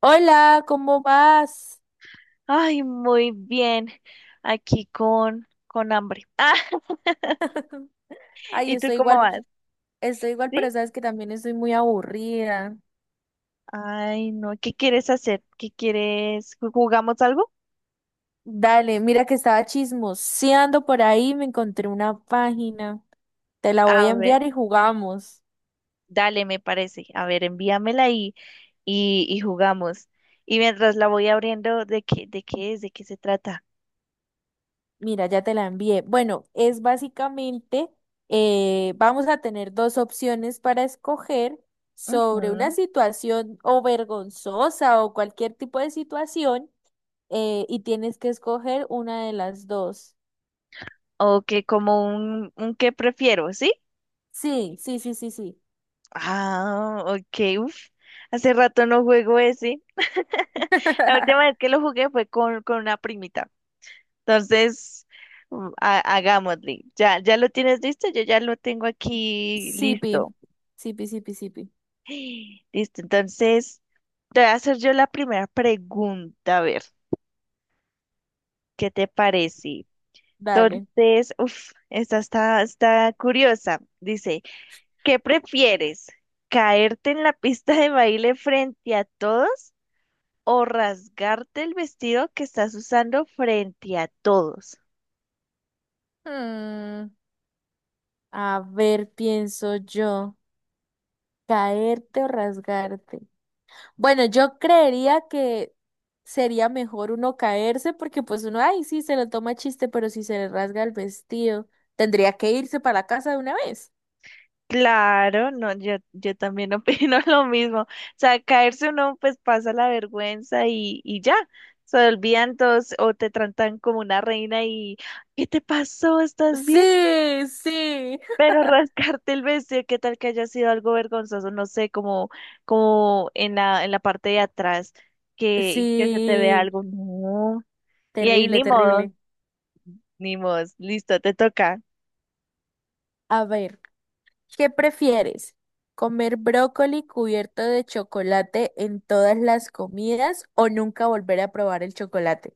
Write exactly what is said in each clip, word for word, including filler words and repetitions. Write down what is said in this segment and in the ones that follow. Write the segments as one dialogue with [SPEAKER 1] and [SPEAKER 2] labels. [SPEAKER 1] Hola, ¿cómo vas?
[SPEAKER 2] Ay, muy bien. Aquí con, con hambre. Ah,
[SPEAKER 1] Ay,
[SPEAKER 2] ¿y tú
[SPEAKER 1] estoy
[SPEAKER 2] cómo
[SPEAKER 1] igual,
[SPEAKER 2] vas?
[SPEAKER 1] estoy igual,
[SPEAKER 2] ¿Sí?
[SPEAKER 1] pero sabes que también estoy muy aburrida.
[SPEAKER 2] Ay, no. ¿Qué quieres hacer? ¿Qué quieres? ¿Ju- ¿Jugamos algo?
[SPEAKER 1] Dale, mira que estaba chismoseando por ahí, me encontré una página. Te la voy a
[SPEAKER 2] A ver,
[SPEAKER 1] enviar y jugamos.
[SPEAKER 2] dale, me parece. A ver, envíamela y, y, y jugamos. Y mientras la voy abriendo, ¿de qué, de qué es? ¿De qué se trata?
[SPEAKER 1] Mira, ya te la envié. Bueno, es básicamente, eh, vamos a tener dos opciones para escoger sobre una
[SPEAKER 2] Ujú.
[SPEAKER 1] situación o vergonzosa o cualquier tipo de situación, eh, y tienes que escoger una de las dos.
[SPEAKER 2] O que como un, un qué prefiero, ¿sí?
[SPEAKER 1] Sí, sí, sí, sí, sí.
[SPEAKER 2] Ah, ok, uf. Hace rato no juego ese. La última vez que lo jugué fue con, con una primita. Entonces, mm, ha- hagámosle. Ya, ya lo tienes listo, yo ya lo tengo aquí
[SPEAKER 1] Sipi,
[SPEAKER 2] listo.
[SPEAKER 1] sipi, sipi, sipi.
[SPEAKER 2] Listo, entonces, te voy a hacer yo la primera pregunta, a ver, ¿qué te parece?
[SPEAKER 1] Dale.
[SPEAKER 2] Entonces, uff, esta está, está curiosa. Dice, ¿qué prefieres? ¿Caerte en la pista de baile frente a todos o rasgarte el vestido que estás usando frente a todos?
[SPEAKER 1] Mm, a ver, pienso yo, caerte o rasgarte. Bueno, yo creería que sería mejor uno caerse porque pues uno, ay, sí, se lo toma chiste, pero si se le rasga el vestido, tendría que irse para la casa de una vez.
[SPEAKER 2] Claro, no, yo, yo también opino lo mismo. O sea, caerse uno pues pasa la vergüenza y, y ya, se olvidan todos o te tratan como una reina y ¿qué te pasó? ¿Estás bien?
[SPEAKER 1] Sí, sí.
[SPEAKER 2] Pero rascarte el vestido, ¿qué tal que haya sido algo vergonzoso? No sé, como, como en la, en la parte de atrás, que, que se te vea
[SPEAKER 1] Sí,
[SPEAKER 2] algo. No. Y ahí
[SPEAKER 1] terrible,
[SPEAKER 2] ni modo,
[SPEAKER 1] terrible.
[SPEAKER 2] ni modo, listo, te toca.
[SPEAKER 1] A ver. ¿Qué prefieres? ¿Comer brócoli cubierto de chocolate en todas las comidas o nunca volver a probar el chocolate?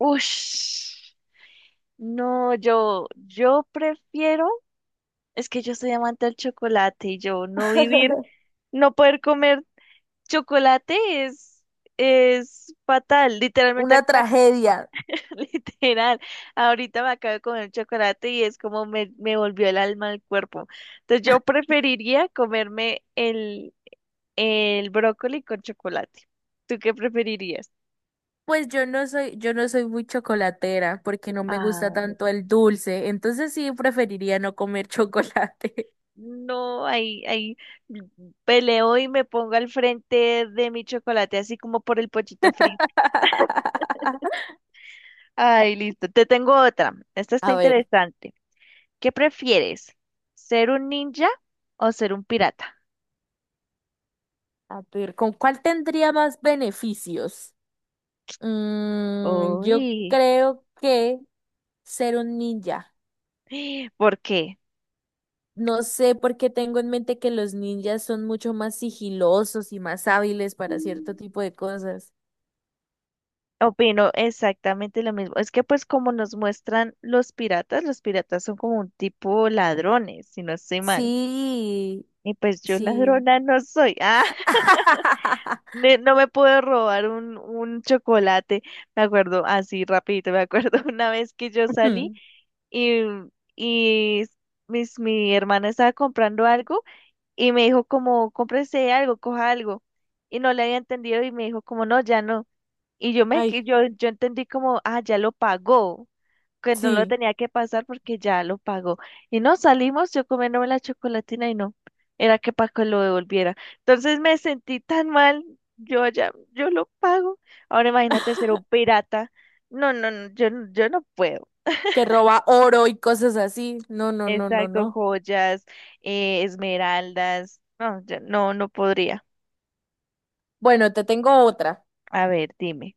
[SPEAKER 2] Ush. No, yo, yo prefiero. Es que yo soy amante del chocolate y yo no vivir, no poder comer chocolate es, es fatal. Literalmente,
[SPEAKER 1] Una
[SPEAKER 2] ac- me
[SPEAKER 1] tragedia.
[SPEAKER 2] ac- literal. Ahorita me acabo de comer chocolate y es como me, me volvió el alma al cuerpo. Entonces yo preferiría comerme el, el brócoli con chocolate. ¿Tú qué preferirías?
[SPEAKER 1] Pues yo no soy, yo no soy muy chocolatera porque no me gusta
[SPEAKER 2] Ah,
[SPEAKER 1] tanto el dulce, entonces sí preferiría no comer chocolate.
[SPEAKER 2] no, ahí, ahí peleo y me pongo al frente de mi chocolate, así como por el pochito frito. Ay, listo. Te tengo otra. Esta está
[SPEAKER 1] A ver,
[SPEAKER 2] interesante. ¿Qué prefieres? ¿Ser un ninja o ser un pirata?
[SPEAKER 1] a ver, ¿con cuál tendría más beneficios? Mm, yo
[SPEAKER 2] Uy,
[SPEAKER 1] creo que ser un ninja.
[SPEAKER 2] ¿por qué?
[SPEAKER 1] No sé por qué tengo en mente que los ninjas son mucho más sigilosos y más hábiles para cierto
[SPEAKER 2] Mm.
[SPEAKER 1] tipo de cosas.
[SPEAKER 2] Opino exactamente lo mismo. Es que pues como nos muestran los piratas, los piratas son como un tipo ladrones, si no estoy mal.
[SPEAKER 1] Sí,
[SPEAKER 2] Y pues yo
[SPEAKER 1] sí.
[SPEAKER 2] ladrona no soy. Ah, ne- no me puedo robar un, un chocolate. Me acuerdo, así rapidito, me acuerdo una vez que yo salí. y, y mis, mi hermana estaba comprando algo y me dijo como, cómprese algo, coja algo. Y no le había entendido y me dijo como, no, ya no. Y yo me,
[SPEAKER 1] Ay,
[SPEAKER 2] que- yo, yo entendí como, ah, ya lo pagó, que no lo
[SPEAKER 1] sí,
[SPEAKER 2] tenía que pasar porque ya lo pagó. Y no salimos, yo comiéndome la chocolatina y no, era que Paco lo devolviera. Entonces me sentí tan mal, yo ya, yo lo pago. Ahora imagínate ser un pirata. No, no, no, yo, no- yo no puedo.
[SPEAKER 1] que roba oro y cosas así. No, no, no, no,
[SPEAKER 2] Exacto,
[SPEAKER 1] no.
[SPEAKER 2] joyas, eh, esmeraldas. No, ya- no, no podría.
[SPEAKER 1] Bueno, te tengo otra.
[SPEAKER 2] A ver, dime.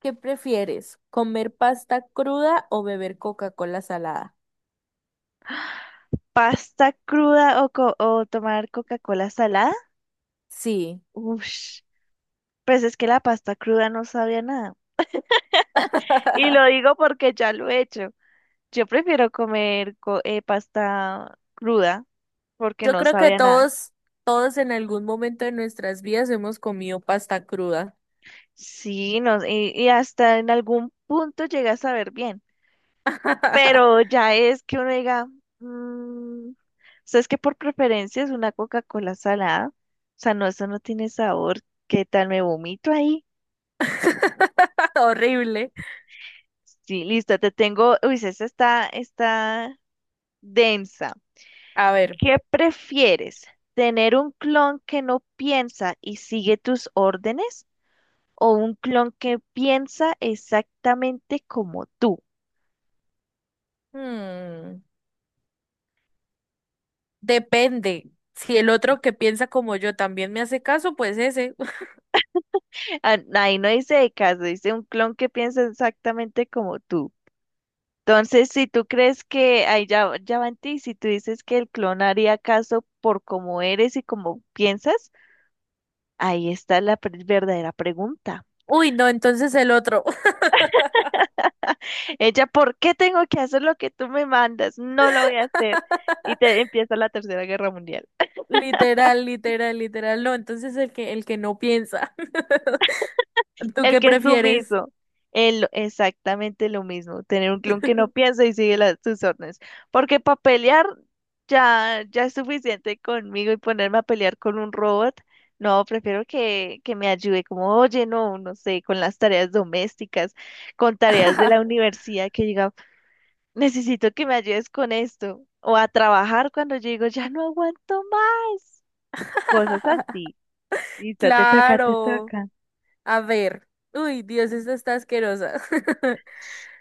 [SPEAKER 1] ¿Qué prefieres? ¿Comer pasta cruda o beber Coca-Cola salada?
[SPEAKER 2] ¿Pasta cruda o, co- o tomar Coca-Cola salada?
[SPEAKER 1] Sí.
[SPEAKER 2] Ush, pues es que la pasta cruda no sabía a nada. Y lo digo porque ya lo he hecho. Yo prefiero comer co- eh, pasta cruda porque
[SPEAKER 1] Yo
[SPEAKER 2] no
[SPEAKER 1] creo que
[SPEAKER 2] sabía nada.
[SPEAKER 1] todos, todos en algún momento de nuestras vidas hemos comido pasta cruda.
[SPEAKER 2] Sí, no, y, y hasta en algún punto llega a saber bien. Pero ya es que uno diga, "Mm, o sea, es que por preferencia es una Coca-Cola salada. O sea, no, eso no tiene sabor. ¿Qué tal? ¿Me vomito ahí?
[SPEAKER 1] Horrible.
[SPEAKER 2] Sí, listo, te tengo. Uy, esa está, está densa.
[SPEAKER 1] A ver,
[SPEAKER 2] ¿Qué prefieres? ¿Tener un clon que no piensa y sigue tus órdenes? ¿O un clon que piensa exactamente como tú?
[SPEAKER 1] hmm, depende. Si el otro que piensa como yo también me hace caso, pues ese.
[SPEAKER 2] Ah, ahí no dice de caso, dice un clon que piensa exactamente como tú. Entonces, si tú crees que ahí ya, ya va en ti, si tú dices que el clon haría caso por cómo eres y cómo piensas, ahí está la pre- verdadera pregunta.
[SPEAKER 1] Uy, no, entonces el otro.
[SPEAKER 2] Ella, ¿por qué tengo que hacer lo que tú me mandas? No lo voy a hacer. Y te empieza la Tercera Guerra Mundial.
[SPEAKER 1] Literal, literal, literal. No, entonces el que, el que no piensa. ¿Tú
[SPEAKER 2] El
[SPEAKER 1] qué
[SPEAKER 2] que es
[SPEAKER 1] prefieres?
[SPEAKER 2] sumiso. El, exactamente lo mismo. Tener un clon que no piensa y sigue las, sus órdenes. Porque para pelear ya, ya es suficiente conmigo y ponerme a pelear con un robot. No, prefiero que, que me ayude como, oye, no, no sé, con las tareas domésticas, con tareas de la universidad, que diga, necesito que me ayudes con esto. O a trabajar cuando yo digo, ya no aguanto más. Cosas así. Listo, te toca, te
[SPEAKER 1] Claro.
[SPEAKER 2] toca.
[SPEAKER 1] A ver. Uy, Dios, esta está asquerosa.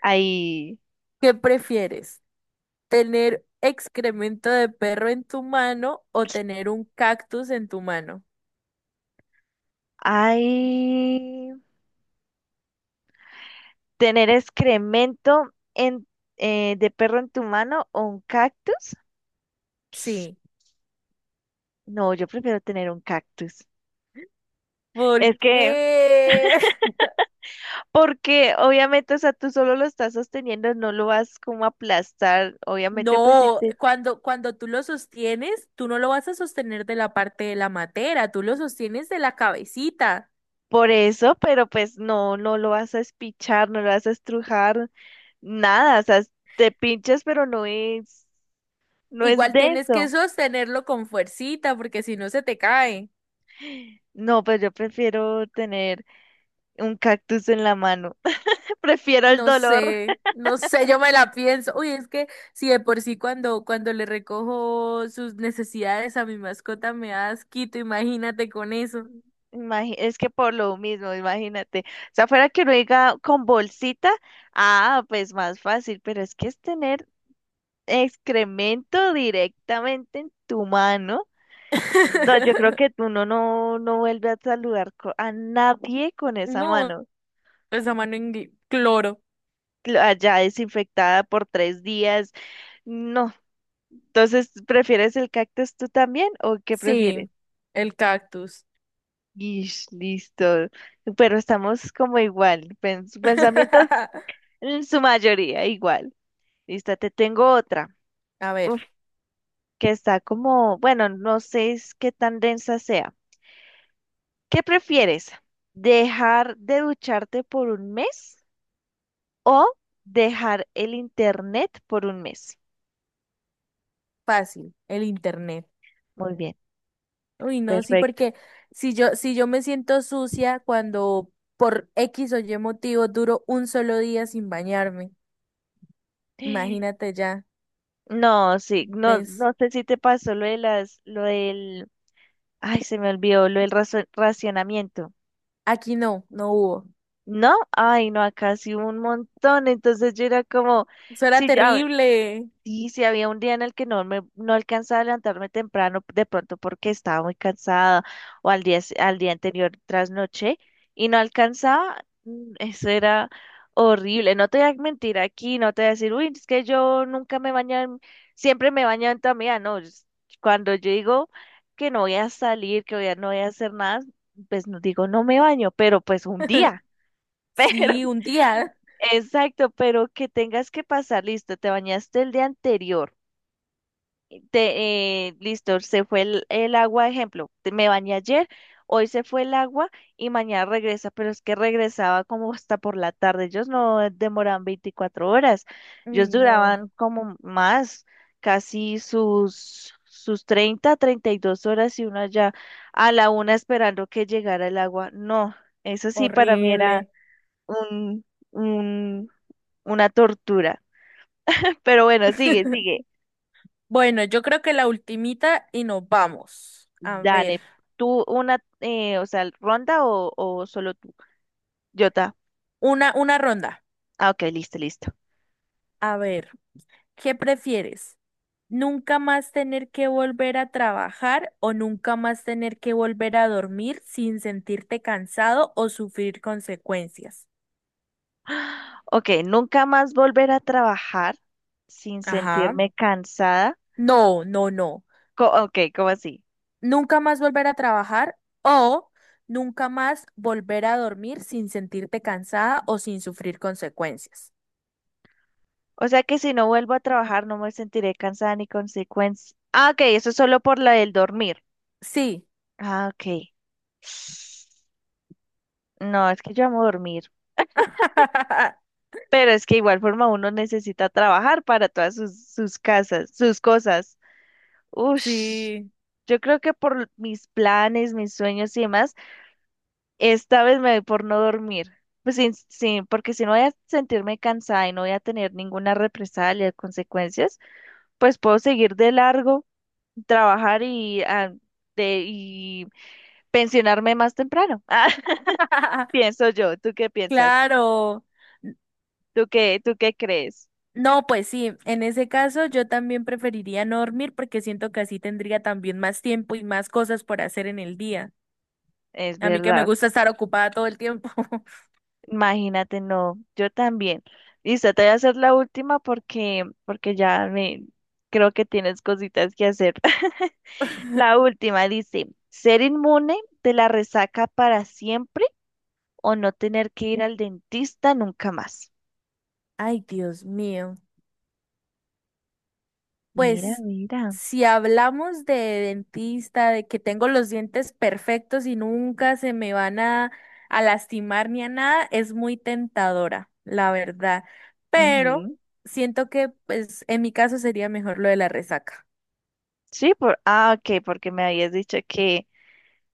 [SPEAKER 2] Ahí.
[SPEAKER 1] ¿Qué prefieres? ¿Tener excremento de perro en tu mano o tener un cactus en tu mano?
[SPEAKER 2] Ay, tener excremento en, eh, de perro en tu mano o un cactus.
[SPEAKER 1] Sí.
[SPEAKER 2] No, yo prefiero tener un cactus.
[SPEAKER 1] ¿Por
[SPEAKER 2] Es que,
[SPEAKER 1] qué?
[SPEAKER 2] porque obviamente, o sea, tú solo lo estás sosteniendo, no lo vas como a aplastar. Obviamente, pues sí
[SPEAKER 1] No,
[SPEAKER 2] te-
[SPEAKER 1] cuando, cuando tú lo sostienes, tú no lo vas a sostener de la parte de la matera, tú lo sostienes de la cabecita.
[SPEAKER 2] por eso, pero pues no, no lo vas a espichar, no lo vas a estrujar, nada. O sea, es- te pinchas, pero no es, no es
[SPEAKER 1] Igual tienes que
[SPEAKER 2] denso.
[SPEAKER 1] sostenerlo con fuercita porque si no se te cae.
[SPEAKER 2] No, pues yo prefiero tener un cactus en la mano. Prefiero el
[SPEAKER 1] No
[SPEAKER 2] dolor.
[SPEAKER 1] sé, no sé, yo me la pienso. Uy, es que si de por sí cuando, cuando le recojo sus necesidades a mi mascota me da asquito, imagínate con eso.
[SPEAKER 2] Imagi- Es que por lo mismo, imagínate. O sea, fuera que uno diga con bolsita, ah, pues más fácil, pero es que es tener excremento directamente en tu mano. No, yo creo que tú no, no, no vuelves a saludar co- a nadie con esa
[SPEAKER 1] No,
[SPEAKER 2] mano
[SPEAKER 1] esa mano en gui- cloro.
[SPEAKER 2] cl- allá desinfectada por tres días. No. Entonces, ¿prefieres el cactus tú también o qué
[SPEAKER 1] Sí,
[SPEAKER 2] prefieres?
[SPEAKER 1] el cactus.
[SPEAKER 2] Ish, listo. Pero estamos como igual. Pensamientos. En su mayoría, igual. Listo, te tengo otra.
[SPEAKER 1] A
[SPEAKER 2] Uf,
[SPEAKER 1] ver,
[SPEAKER 2] que está como, bueno, no sé es qué tan densa sea. ¿Qué prefieres? ¿Dejar de ducharte por un mes o dejar el internet por un mes?
[SPEAKER 1] fácil, el internet.
[SPEAKER 2] Muy bien,
[SPEAKER 1] Uy, no, sí,
[SPEAKER 2] perfecto.
[SPEAKER 1] porque si yo, si yo me siento sucia cuando por X o Y motivo duro un solo día sin bañarme, imagínate ya,
[SPEAKER 2] No, sí, no,
[SPEAKER 1] ¿ves?
[SPEAKER 2] no sé si te pasó lo de las, lo del, ay, se me olvidó, lo del razo- racionamiento.
[SPEAKER 1] Aquí no, no hubo.
[SPEAKER 2] No, ay, no, acá sí hubo un montón. Entonces yo era como,
[SPEAKER 1] Eso era
[SPEAKER 2] sí, ya.
[SPEAKER 1] terrible.
[SPEAKER 2] Sí, sí, había un día en el que no me, no alcanzaba a levantarme temprano, de pronto porque estaba muy cansada, o al día, s- al día anterior trasnoché, y no alcanzaba, mm, eso era horrible, no te voy a mentir aquí, no te voy a decir, uy, es que yo nunca me baño, en- siempre me baño en toda mi vida", no, es- cuando yo digo que no voy a salir, que voy a- no voy a hacer nada, pues no digo no me baño, pero pues un día, pero,
[SPEAKER 1] Sí, un día.
[SPEAKER 2] exacto, pero que tengas que pasar, listo, te bañaste el día anterior te- eh, listo, se fue el, el agua, ejemplo, te- me bañé ayer, hoy se fue el agua y mañana regresa, pero es que regresaba como hasta por la tarde, ellos no demoraban veinticuatro horas,
[SPEAKER 1] Uy,
[SPEAKER 2] ellos
[SPEAKER 1] no,
[SPEAKER 2] duraban como más, casi sus, sus treinta, treinta y dos horas y uno allá a la una esperando que llegara el agua. No, eso sí para mí era
[SPEAKER 1] horrible.
[SPEAKER 2] un, un, una tortura, pero bueno, sigue, sigue.
[SPEAKER 1] Bueno, yo creo que la ultimita y nos vamos. A ver,
[SPEAKER 2] Dale, tú una, eh, o sea, ronda o, o solo tú. Jota.
[SPEAKER 1] una, una ronda.
[SPEAKER 2] Ah, ok, listo, listo.
[SPEAKER 1] A ver, ¿qué prefieres? ¿Nunca más tener que volver a trabajar o nunca más tener que volver a dormir sin sentirte cansado o sufrir consecuencias?
[SPEAKER 2] Ok, nunca más volver a trabajar sin
[SPEAKER 1] Ajá.
[SPEAKER 2] sentirme cansada.
[SPEAKER 1] No, no, no.
[SPEAKER 2] Co- ok, ¿cómo así?
[SPEAKER 1] Nunca más volver a trabajar o nunca más volver a dormir sin sentirte cansada o sin sufrir consecuencias.
[SPEAKER 2] O sea que si no vuelvo a trabajar no me sentiré cansada ni consecuencia. Ah, ok, eso es solo por la del dormir.
[SPEAKER 1] Sí,
[SPEAKER 2] Ah, ok. No, es que yo amo dormir. Pero es que igual forma uno necesita trabajar para todas sus, sus casas, sus cosas. Ush,
[SPEAKER 1] sí,
[SPEAKER 2] yo creo que por mis planes, mis sueños y demás, esta vez me doy por no dormir. Pues sin, sin- porque si no voy a sentirme cansada y no voy a tener ninguna represalia, consecuencias, pues puedo seguir de largo, trabajar y, ah, de, y pensionarme más temprano. Ah, pienso yo. ¿Tú qué piensas?
[SPEAKER 1] claro. N-
[SPEAKER 2] ¿Tú qué, tú qué crees?
[SPEAKER 1] No, pues sí, en ese caso yo también preferiría no dormir porque siento que así tendría también más tiempo y más cosas por hacer en el día.
[SPEAKER 2] Es
[SPEAKER 1] A mí que me
[SPEAKER 2] verdad.
[SPEAKER 1] gusta estar ocupada todo el tiempo.
[SPEAKER 2] Imagínate, no, yo también. Listo, te voy a hacer la última porque, porque ya me creo que tienes cositas que hacer. La última dice, ¿ser inmune de la resaca para siempre o no tener que ir al dentista nunca más?
[SPEAKER 1] Ay, Dios mío.
[SPEAKER 2] Mira,
[SPEAKER 1] Pues
[SPEAKER 2] mira.
[SPEAKER 1] si hablamos de dentista, de que tengo los dientes perfectos y nunca se me van a, a lastimar ni a nada, es muy tentadora, la verdad. Pero
[SPEAKER 2] Ujú.
[SPEAKER 1] siento que pues en mi caso sería mejor lo de la resaca,
[SPEAKER 2] Sí, por, ah, ok, porque me habías dicho que,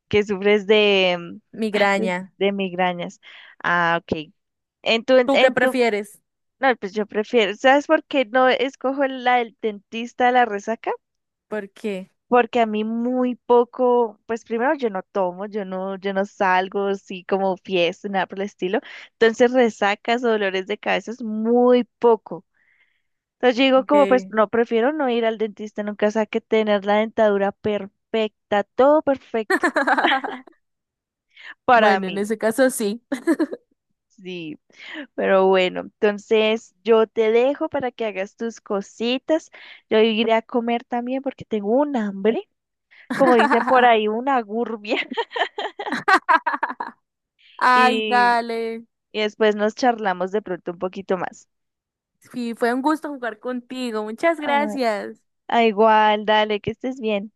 [SPEAKER 2] que sufres de, mm, ay, de,
[SPEAKER 1] migraña.
[SPEAKER 2] de migrañas. Ah, ok. En tu,
[SPEAKER 1] ¿Tú qué
[SPEAKER 2] en tu
[SPEAKER 1] prefieres?
[SPEAKER 2] No, pues yo prefiero, ¿sabes por qué no escojo la del dentista de la resaca?
[SPEAKER 1] ¿Por qué?
[SPEAKER 2] Porque a mí muy poco, pues primero yo no tomo, yo no, yo no salgo así como fiesta, nada por el estilo. Entonces resacas o dolores de cabeza es muy poco. Entonces yo digo como, pues
[SPEAKER 1] Okay.
[SPEAKER 2] no, prefiero no ir al dentista nunca, o sea, que tener la dentadura perfecta, todo perfecto para
[SPEAKER 1] Bueno, en
[SPEAKER 2] mí.
[SPEAKER 1] ese caso sí.
[SPEAKER 2] Sí. Pero bueno, entonces yo te dejo para que hagas tus cositas. Yo iré a comer también porque tengo un hambre, como dicen por ahí, una gurbia.
[SPEAKER 1] Ay,
[SPEAKER 2] Y,
[SPEAKER 1] dale.
[SPEAKER 2] y después nos charlamos de pronto un poquito más.
[SPEAKER 1] Sí, fue un gusto jugar contigo. Muchas
[SPEAKER 2] Ah,
[SPEAKER 1] gracias.
[SPEAKER 2] ah, igual, dale, que estés bien.